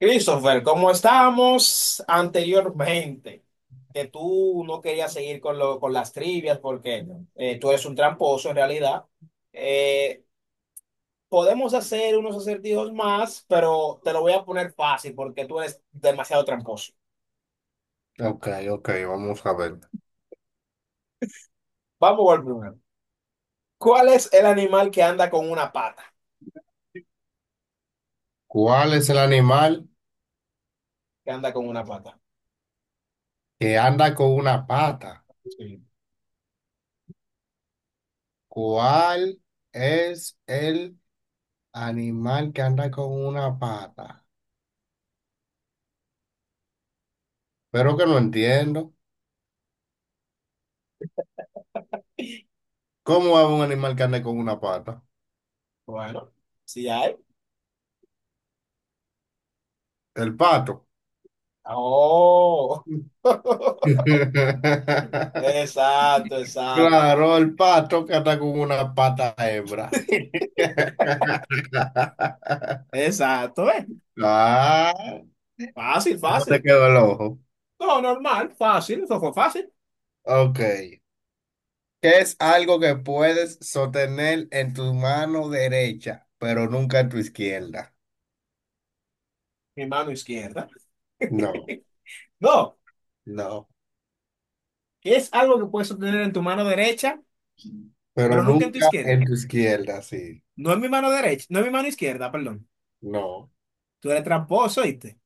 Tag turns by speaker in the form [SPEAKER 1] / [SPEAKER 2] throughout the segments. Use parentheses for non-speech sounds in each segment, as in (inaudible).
[SPEAKER 1] Christopher, como estábamos anteriormente, que tú no querías seguir con, lo, con las trivias porque tú eres un tramposo en realidad. eh, Podemos hacer unos acertijos más, pero te lo voy a poner fácil porque tú eres demasiado tramposo.
[SPEAKER 2] Ok, ok, vamos a ver.
[SPEAKER 1] Vamos al primero. ¿Cuál es el animal que anda con una pata?
[SPEAKER 2] ¿Cuál es el animal
[SPEAKER 1] Que anda con una pata.
[SPEAKER 2] que anda con una pata?
[SPEAKER 1] Sí.
[SPEAKER 2] ¿Cuál es el animal que anda con una pata? Pero que no entiendo. ¿Cómo es un animal que anda con una pata?
[SPEAKER 1] Bueno, sí hay.
[SPEAKER 2] El pato.
[SPEAKER 1] Oh. (laughs)
[SPEAKER 2] (laughs)
[SPEAKER 1] Exacto, exacto.
[SPEAKER 2] Claro, el pato que anda con una pata hembra. (laughs)
[SPEAKER 1] Exacto, ¿eh?
[SPEAKER 2] Ah,
[SPEAKER 1] Fácil,
[SPEAKER 2] ¿cómo te
[SPEAKER 1] fácil.
[SPEAKER 2] quedó el ojo?
[SPEAKER 1] No, normal, fácil, eso fue fácil.
[SPEAKER 2] Ok. ¿Qué es algo que puedes sostener en tu mano derecha, pero nunca en tu izquierda?
[SPEAKER 1] Mi mano izquierda.
[SPEAKER 2] No,
[SPEAKER 1] No,
[SPEAKER 2] no,
[SPEAKER 1] es algo que puedes obtener en tu mano derecha,
[SPEAKER 2] pero
[SPEAKER 1] pero nunca en tu
[SPEAKER 2] nunca
[SPEAKER 1] izquierda.
[SPEAKER 2] en tu izquierda, sí.
[SPEAKER 1] No es mi mano derecha, no es mi mano izquierda, perdón.
[SPEAKER 2] No,
[SPEAKER 1] Tú eres tramposo, ¿viste?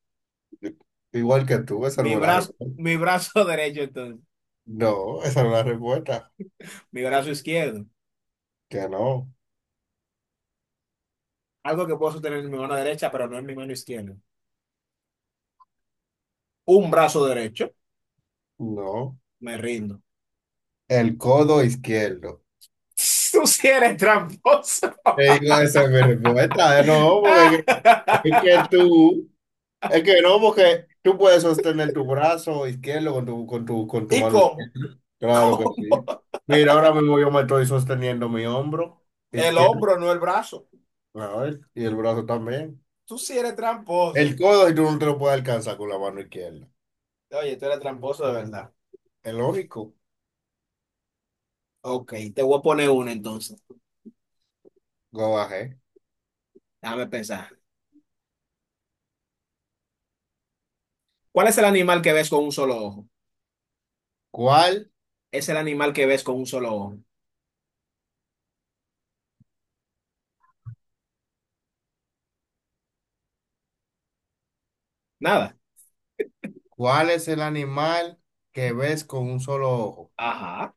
[SPEAKER 2] I- igual que tú, esa
[SPEAKER 1] Mi
[SPEAKER 2] no es la
[SPEAKER 1] brazo,
[SPEAKER 2] respuesta.
[SPEAKER 1] mi brazo (laughs) derecho, entonces.
[SPEAKER 2] No, esa no es la respuesta.
[SPEAKER 1] Mi brazo izquierdo.
[SPEAKER 2] Que no,
[SPEAKER 1] Algo que puedo sostener en mi mano derecha, pero no en mi mano izquierda. Un brazo derecho.
[SPEAKER 2] no.
[SPEAKER 1] Me rindo.
[SPEAKER 2] El codo izquierdo.
[SPEAKER 1] (laughs) Tú sí eres tramposo.
[SPEAKER 2] Te digo, esa es mi respuesta. No, porque es que
[SPEAKER 1] (laughs)
[SPEAKER 2] tú. Es que no, porque tú puedes sostener tu brazo izquierdo con tu
[SPEAKER 1] ¿Y
[SPEAKER 2] mano
[SPEAKER 1] cómo?
[SPEAKER 2] izquierda. Claro que
[SPEAKER 1] ¿Cómo?
[SPEAKER 2] sí. Mira, ahora mismo yo me estoy sosteniendo mi hombro
[SPEAKER 1] El
[SPEAKER 2] izquierdo.
[SPEAKER 1] hombro, no el brazo.
[SPEAKER 2] A ver, y el brazo también.
[SPEAKER 1] Tú sí eres tramposo.
[SPEAKER 2] El codo, y tú no te lo puedes alcanzar con la mano izquierda.
[SPEAKER 1] Oye, tú eres tramposo de verdad.
[SPEAKER 2] Es lógico.
[SPEAKER 1] Ok, te voy a poner una entonces.
[SPEAKER 2] Go bajé.
[SPEAKER 1] Déjame pensar. ¿Cuál es el animal que ves con un solo ojo?
[SPEAKER 2] ¿Cuál,
[SPEAKER 1] Es el animal que ves con un solo ojo. Nada.
[SPEAKER 2] cuál es el animal que ves con un solo ojo?
[SPEAKER 1] Ajá.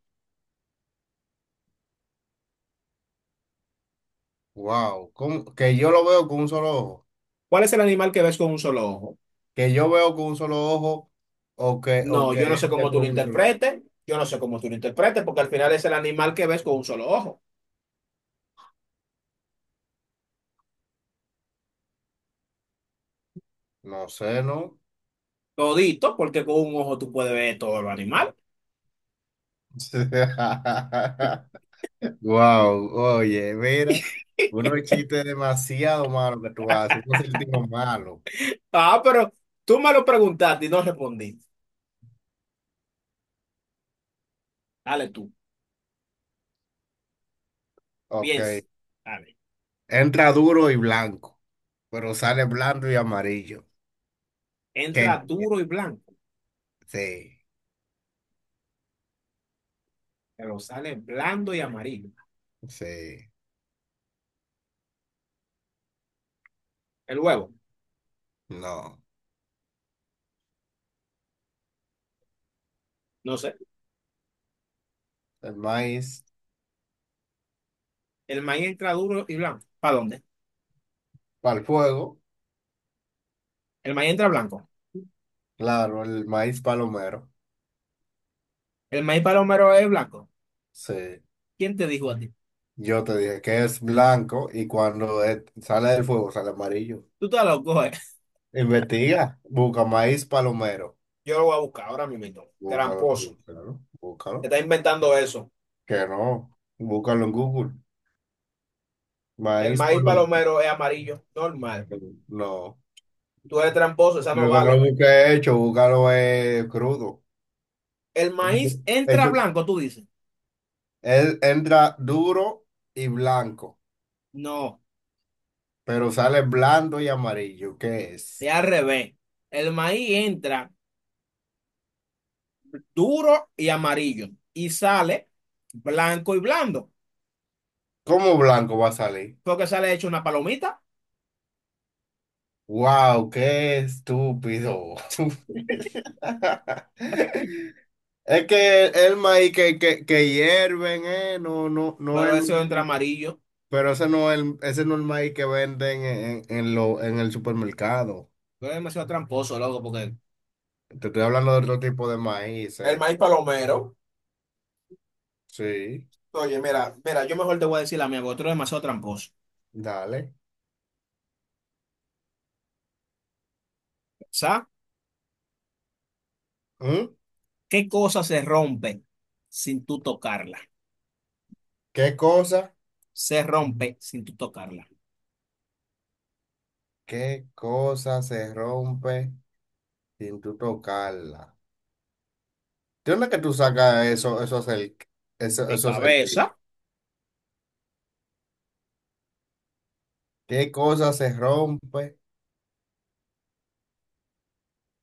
[SPEAKER 2] Wow. ¿Cómo? Que yo lo veo con un solo ojo.
[SPEAKER 1] ¿Cuál es el animal que ves con un solo ojo?
[SPEAKER 2] Que yo veo con un solo ojo o
[SPEAKER 1] No,
[SPEAKER 2] que
[SPEAKER 1] yo no
[SPEAKER 2] él
[SPEAKER 1] sé
[SPEAKER 2] ve
[SPEAKER 1] cómo tú lo
[SPEAKER 2] con un solo ojo.
[SPEAKER 1] interpretes. Yo no sé cómo tú lo interpretes, porque al final es el animal que ves con un solo ojo.
[SPEAKER 2] No sé, ¿no?
[SPEAKER 1] Todito, porque con un ojo tú puedes ver todo los animal.
[SPEAKER 2] (laughs) Wow, oye, mira,
[SPEAKER 1] (laughs)
[SPEAKER 2] unos chistes demasiado malos que tú haces, unos sentidos malos.
[SPEAKER 1] Ah, pero tú me lo preguntaste y no respondí. Dale tú,
[SPEAKER 2] Ok,
[SPEAKER 1] piensa. Dale.
[SPEAKER 2] entra duro y blanco, pero sale blando y amarillo.
[SPEAKER 1] Entra
[SPEAKER 2] ¿Qué?
[SPEAKER 1] duro y blanco,
[SPEAKER 2] Sí,
[SPEAKER 1] pero sale blando y amarillo.
[SPEAKER 2] sí,
[SPEAKER 1] El huevo,
[SPEAKER 2] no.
[SPEAKER 1] no sé.
[SPEAKER 2] El maíz
[SPEAKER 1] El maíz entra duro y blanco. ¿Para dónde?
[SPEAKER 2] para el fuego,
[SPEAKER 1] El maíz entra blanco.
[SPEAKER 2] claro, el maíz palomero.
[SPEAKER 1] El maíz palomero es blanco.
[SPEAKER 2] Sí,
[SPEAKER 1] ¿Quién te dijo a ti?
[SPEAKER 2] yo te dije que es blanco y cuando sale del fuego sale amarillo.
[SPEAKER 1] Tú estás loco, ¿eh?
[SPEAKER 2] Investiga, busca maíz palomero.
[SPEAKER 1] Yo lo voy a buscar ahora mismo.
[SPEAKER 2] Búscalo, tú,
[SPEAKER 1] Tramposo.
[SPEAKER 2] claro,
[SPEAKER 1] Te
[SPEAKER 2] búscalo.
[SPEAKER 1] está inventando eso.
[SPEAKER 2] Que no, búscalo en Google.
[SPEAKER 1] El
[SPEAKER 2] Maíz
[SPEAKER 1] maíz
[SPEAKER 2] palomero.
[SPEAKER 1] palomero es amarillo, normal.
[SPEAKER 2] No.
[SPEAKER 1] Tú eres tramposo, esa no
[SPEAKER 2] Lo que no lo
[SPEAKER 1] vale.
[SPEAKER 2] busqué hecho, búscalo es crudo.
[SPEAKER 1] El
[SPEAKER 2] Hecho,
[SPEAKER 1] maíz entra
[SPEAKER 2] hecho-
[SPEAKER 1] blanco, tú dices.
[SPEAKER 2] Él entra duro y blanco,
[SPEAKER 1] No,
[SPEAKER 2] pero sale blando y amarillo. ¿Qué es?
[SPEAKER 1] es al revés. El maíz entra duro y amarillo y sale blanco y blando.
[SPEAKER 2] ¿Cómo blanco va a salir?
[SPEAKER 1] Porque sale hecho una palomita,
[SPEAKER 2] ¡Wow! ¡Qué estúpido! (laughs) Es que el, maíz que hierven, no, no, no es
[SPEAKER 1] pero
[SPEAKER 2] el
[SPEAKER 1] eso entra
[SPEAKER 2] maíz.
[SPEAKER 1] amarillo.
[SPEAKER 2] Pero ese no es el, ese no es el maíz que venden en, en el supermercado.
[SPEAKER 1] Tú eres demasiado tramposo, loco, porque
[SPEAKER 2] Te estoy hablando de otro tipo de maíz,
[SPEAKER 1] el
[SPEAKER 2] eh.
[SPEAKER 1] maíz palomero.
[SPEAKER 2] Sí,
[SPEAKER 1] Oye, mira, mira, yo mejor te voy a decir la mía, porque tú eres demasiado tramposo.
[SPEAKER 2] dale.
[SPEAKER 1] ¿Sabes?
[SPEAKER 2] ¿Mm?
[SPEAKER 1] ¿Qué cosa se rompe sin tú tocarla?
[SPEAKER 2] ¿Qué cosa?
[SPEAKER 1] Se rompe sin tú tocarla.
[SPEAKER 2] ¿Qué cosa se rompe sin tú tocarla? ¿De dónde que tú sacas eso, eso es el, eso,
[SPEAKER 1] Mi
[SPEAKER 2] eso es el tipo?
[SPEAKER 1] cabeza.
[SPEAKER 2] ¿Qué cosa se rompe?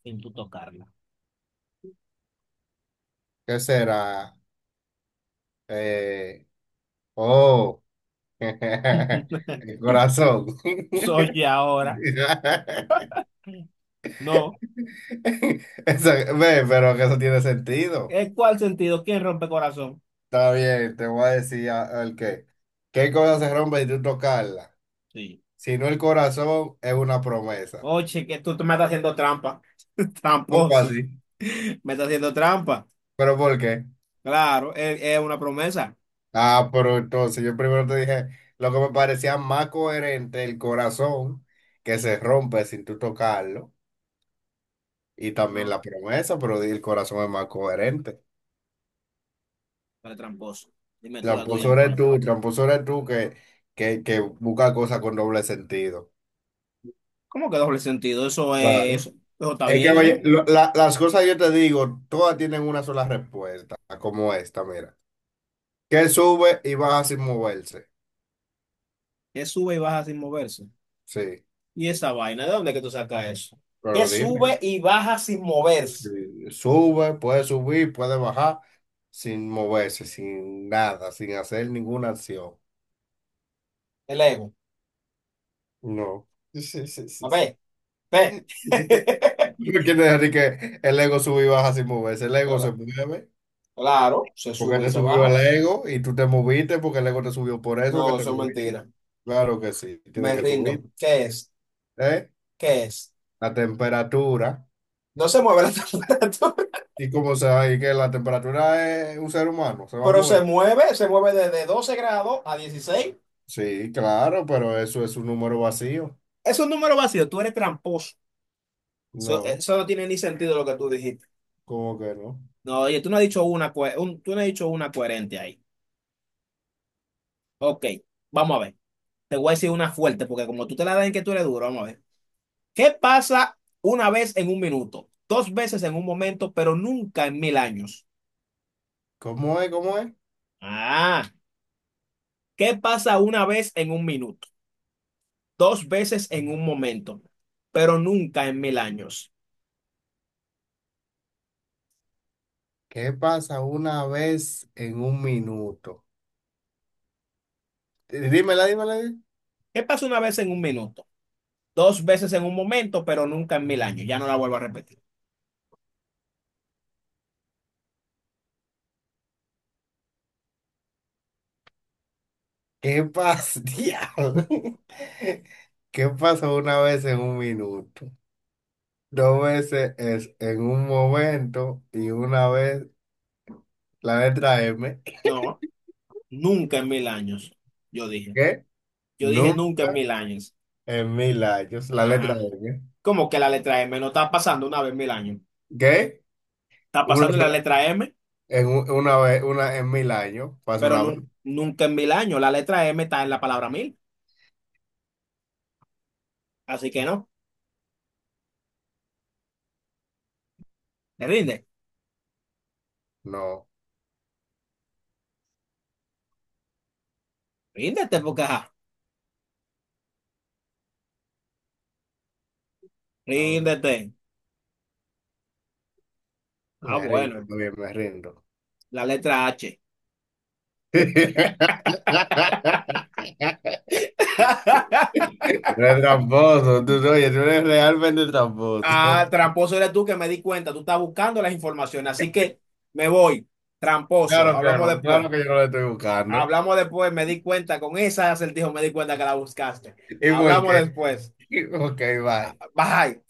[SPEAKER 1] Sin tú tocarla.
[SPEAKER 2] ¿Qué será? Eh, oh, (laughs) el
[SPEAKER 1] (laughs)
[SPEAKER 2] corazón.
[SPEAKER 1] Soy ahora.
[SPEAKER 2] (laughs)
[SPEAKER 1] No.
[SPEAKER 2] (laughs) Eso- ve, pero que eso tiene sentido.
[SPEAKER 1] ¿En cuál sentido? ¿Quién rompe corazón?
[SPEAKER 2] Está bien, te voy a decir el qué. ¿Qué cosa se rompe y tú tocarla?
[SPEAKER 1] Sí.
[SPEAKER 2] Si no el corazón, es una promesa.
[SPEAKER 1] Oye, que tú me estás haciendo trampa. (laughs)
[SPEAKER 2] ¿Cómo
[SPEAKER 1] Tramposo.
[SPEAKER 2] así?
[SPEAKER 1] Me estás haciendo trampa.
[SPEAKER 2] ¿Pero por qué?
[SPEAKER 1] Claro, es una promesa.
[SPEAKER 2] Ah, pero entonces yo primero te dije lo que me parecía más coherente, el corazón que se rompe sin tú tocarlo y también
[SPEAKER 1] No,
[SPEAKER 2] la promesa, pero el corazón es más coherente.
[SPEAKER 1] para tramposo. Dime tú la tuya mejor.
[SPEAKER 2] Tramposo eres tú que busca cosas con doble sentido.
[SPEAKER 1] ¿Cómo que doble sentido? Eso es
[SPEAKER 2] Claro.
[SPEAKER 1] eso. Eso está
[SPEAKER 2] Es que,
[SPEAKER 1] bien,
[SPEAKER 2] oye,
[SPEAKER 1] ¿eh?
[SPEAKER 2] las cosas yo te digo, todas tienen una sola respuesta, como esta, mira. Que sube y baja sin moverse.
[SPEAKER 1] Es sube y baja sin moverse.
[SPEAKER 2] Sí,
[SPEAKER 1] ¿Y esa vaina? ¿De dónde es que tú sacas eso? Que
[SPEAKER 2] pero dime,
[SPEAKER 1] sube y baja sin moverse
[SPEAKER 2] si sube, puede subir, puede bajar sin moverse, sin nada, sin hacer ninguna acción.
[SPEAKER 1] el ego.
[SPEAKER 2] No. Sí, sí, sí.
[SPEAKER 1] A
[SPEAKER 2] Sí.
[SPEAKER 1] ver, ve. (laughs)
[SPEAKER 2] (laughs) No quiere decir que el ego sube y baja sin moverse. El ego se
[SPEAKER 1] Cla-
[SPEAKER 2] mueve
[SPEAKER 1] Claro, se
[SPEAKER 2] porque
[SPEAKER 1] sube y
[SPEAKER 2] te
[SPEAKER 1] se
[SPEAKER 2] subió el
[SPEAKER 1] baja.
[SPEAKER 2] ego y tú te moviste porque el ego te subió por eso que
[SPEAKER 1] No,
[SPEAKER 2] te
[SPEAKER 1] eso es
[SPEAKER 2] moviste.
[SPEAKER 1] mentira.
[SPEAKER 2] Claro que sí, tiene
[SPEAKER 1] Me
[SPEAKER 2] que
[SPEAKER 1] rindo.
[SPEAKER 2] subir.
[SPEAKER 1] ¿Qué es?
[SPEAKER 2] ¿Eh?
[SPEAKER 1] ¿Qué es?
[SPEAKER 2] La temperatura.
[SPEAKER 1] No se mueve la (laughs) temperatura,
[SPEAKER 2] ¿Y cómo se va? ¿Y que la temperatura es un ser humano? ¿Se va a
[SPEAKER 1] pero
[SPEAKER 2] mover?
[SPEAKER 1] se mueve desde 12 grados a 16.
[SPEAKER 2] Sí, claro, pero eso es un número vacío.
[SPEAKER 1] Es un número vacío, tú eres tramposo. Eso,
[SPEAKER 2] No,
[SPEAKER 1] eso no tiene ni sentido lo que tú dijiste.
[SPEAKER 2] ¿cómo que no?
[SPEAKER 1] No, oye, tú no has dicho tú no has dicho una coherente ahí. Ok, vamos a ver. Te voy a decir una fuerte, porque como tú te la das en que tú eres duro, vamos a ver. ¿Qué pasa una vez en un minuto? Dos veces en un momento, pero nunca en 1.000 años.
[SPEAKER 2] ¿Cómo es? ¿Cómo es?
[SPEAKER 1] Ah, ¿qué pasa una vez en un minuto? Dos veces en un momento, pero nunca en mil años.
[SPEAKER 2] ¿Qué pasa una vez en un minuto? Dímela, dímela.
[SPEAKER 1] ¿Qué pasa una vez en un minuto? Dos veces en un momento, pero nunca en mil años. Ya no la vuelvo a repetir.
[SPEAKER 2] ¿Qué pasa? (laughs) Diablo. ¿Qué pasa una vez en un minuto? Dos veces es en un momento y una vez la letra M.
[SPEAKER 1] No, nunca en mil años, yo dije.
[SPEAKER 2] ¿Qué?
[SPEAKER 1] Yo dije
[SPEAKER 2] No.
[SPEAKER 1] nunca en 1.000 años.
[SPEAKER 2] En 1.000 años, la letra
[SPEAKER 1] Ajá.
[SPEAKER 2] M.
[SPEAKER 1] ¿Cómo que la letra M no está pasando una vez en 1.000 años?
[SPEAKER 2] ¿Qué?
[SPEAKER 1] Está
[SPEAKER 2] Una,
[SPEAKER 1] pasando la
[SPEAKER 2] sola-
[SPEAKER 1] letra M.
[SPEAKER 2] una vez, una en 1.000 años, pasa una vez.
[SPEAKER 1] Nunca en mil años. La letra M está en la palabra mil, así que no, te rinde,
[SPEAKER 2] No,
[SPEAKER 1] ríndete, porque ajá,
[SPEAKER 2] no,
[SPEAKER 1] ríndete. Ah,
[SPEAKER 2] me rindo,
[SPEAKER 1] bueno,
[SPEAKER 2] está bien, me rindo.
[SPEAKER 1] la letra H.
[SPEAKER 2] (laughs)
[SPEAKER 1] (laughs)
[SPEAKER 2] Pero es tramposo, tú, oye, tú eres realmente tramposo.
[SPEAKER 1] Ah, tramposo eres tú que me di cuenta, tú estás buscando las informaciones, así que me voy,
[SPEAKER 2] Claro
[SPEAKER 1] tramposo,
[SPEAKER 2] que
[SPEAKER 1] hablamos
[SPEAKER 2] no,
[SPEAKER 1] después.
[SPEAKER 2] claro que yo no lo estoy buscando.
[SPEAKER 1] Hablamos después, me di cuenta, con esa acertijo me di cuenta que la buscaste.
[SPEAKER 2] ¿Y por
[SPEAKER 1] Hablamos
[SPEAKER 2] qué?
[SPEAKER 1] después.
[SPEAKER 2] (laughs) Ok,
[SPEAKER 1] Ah,
[SPEAKER 2] bye.
[SPEAKER 1] Bye.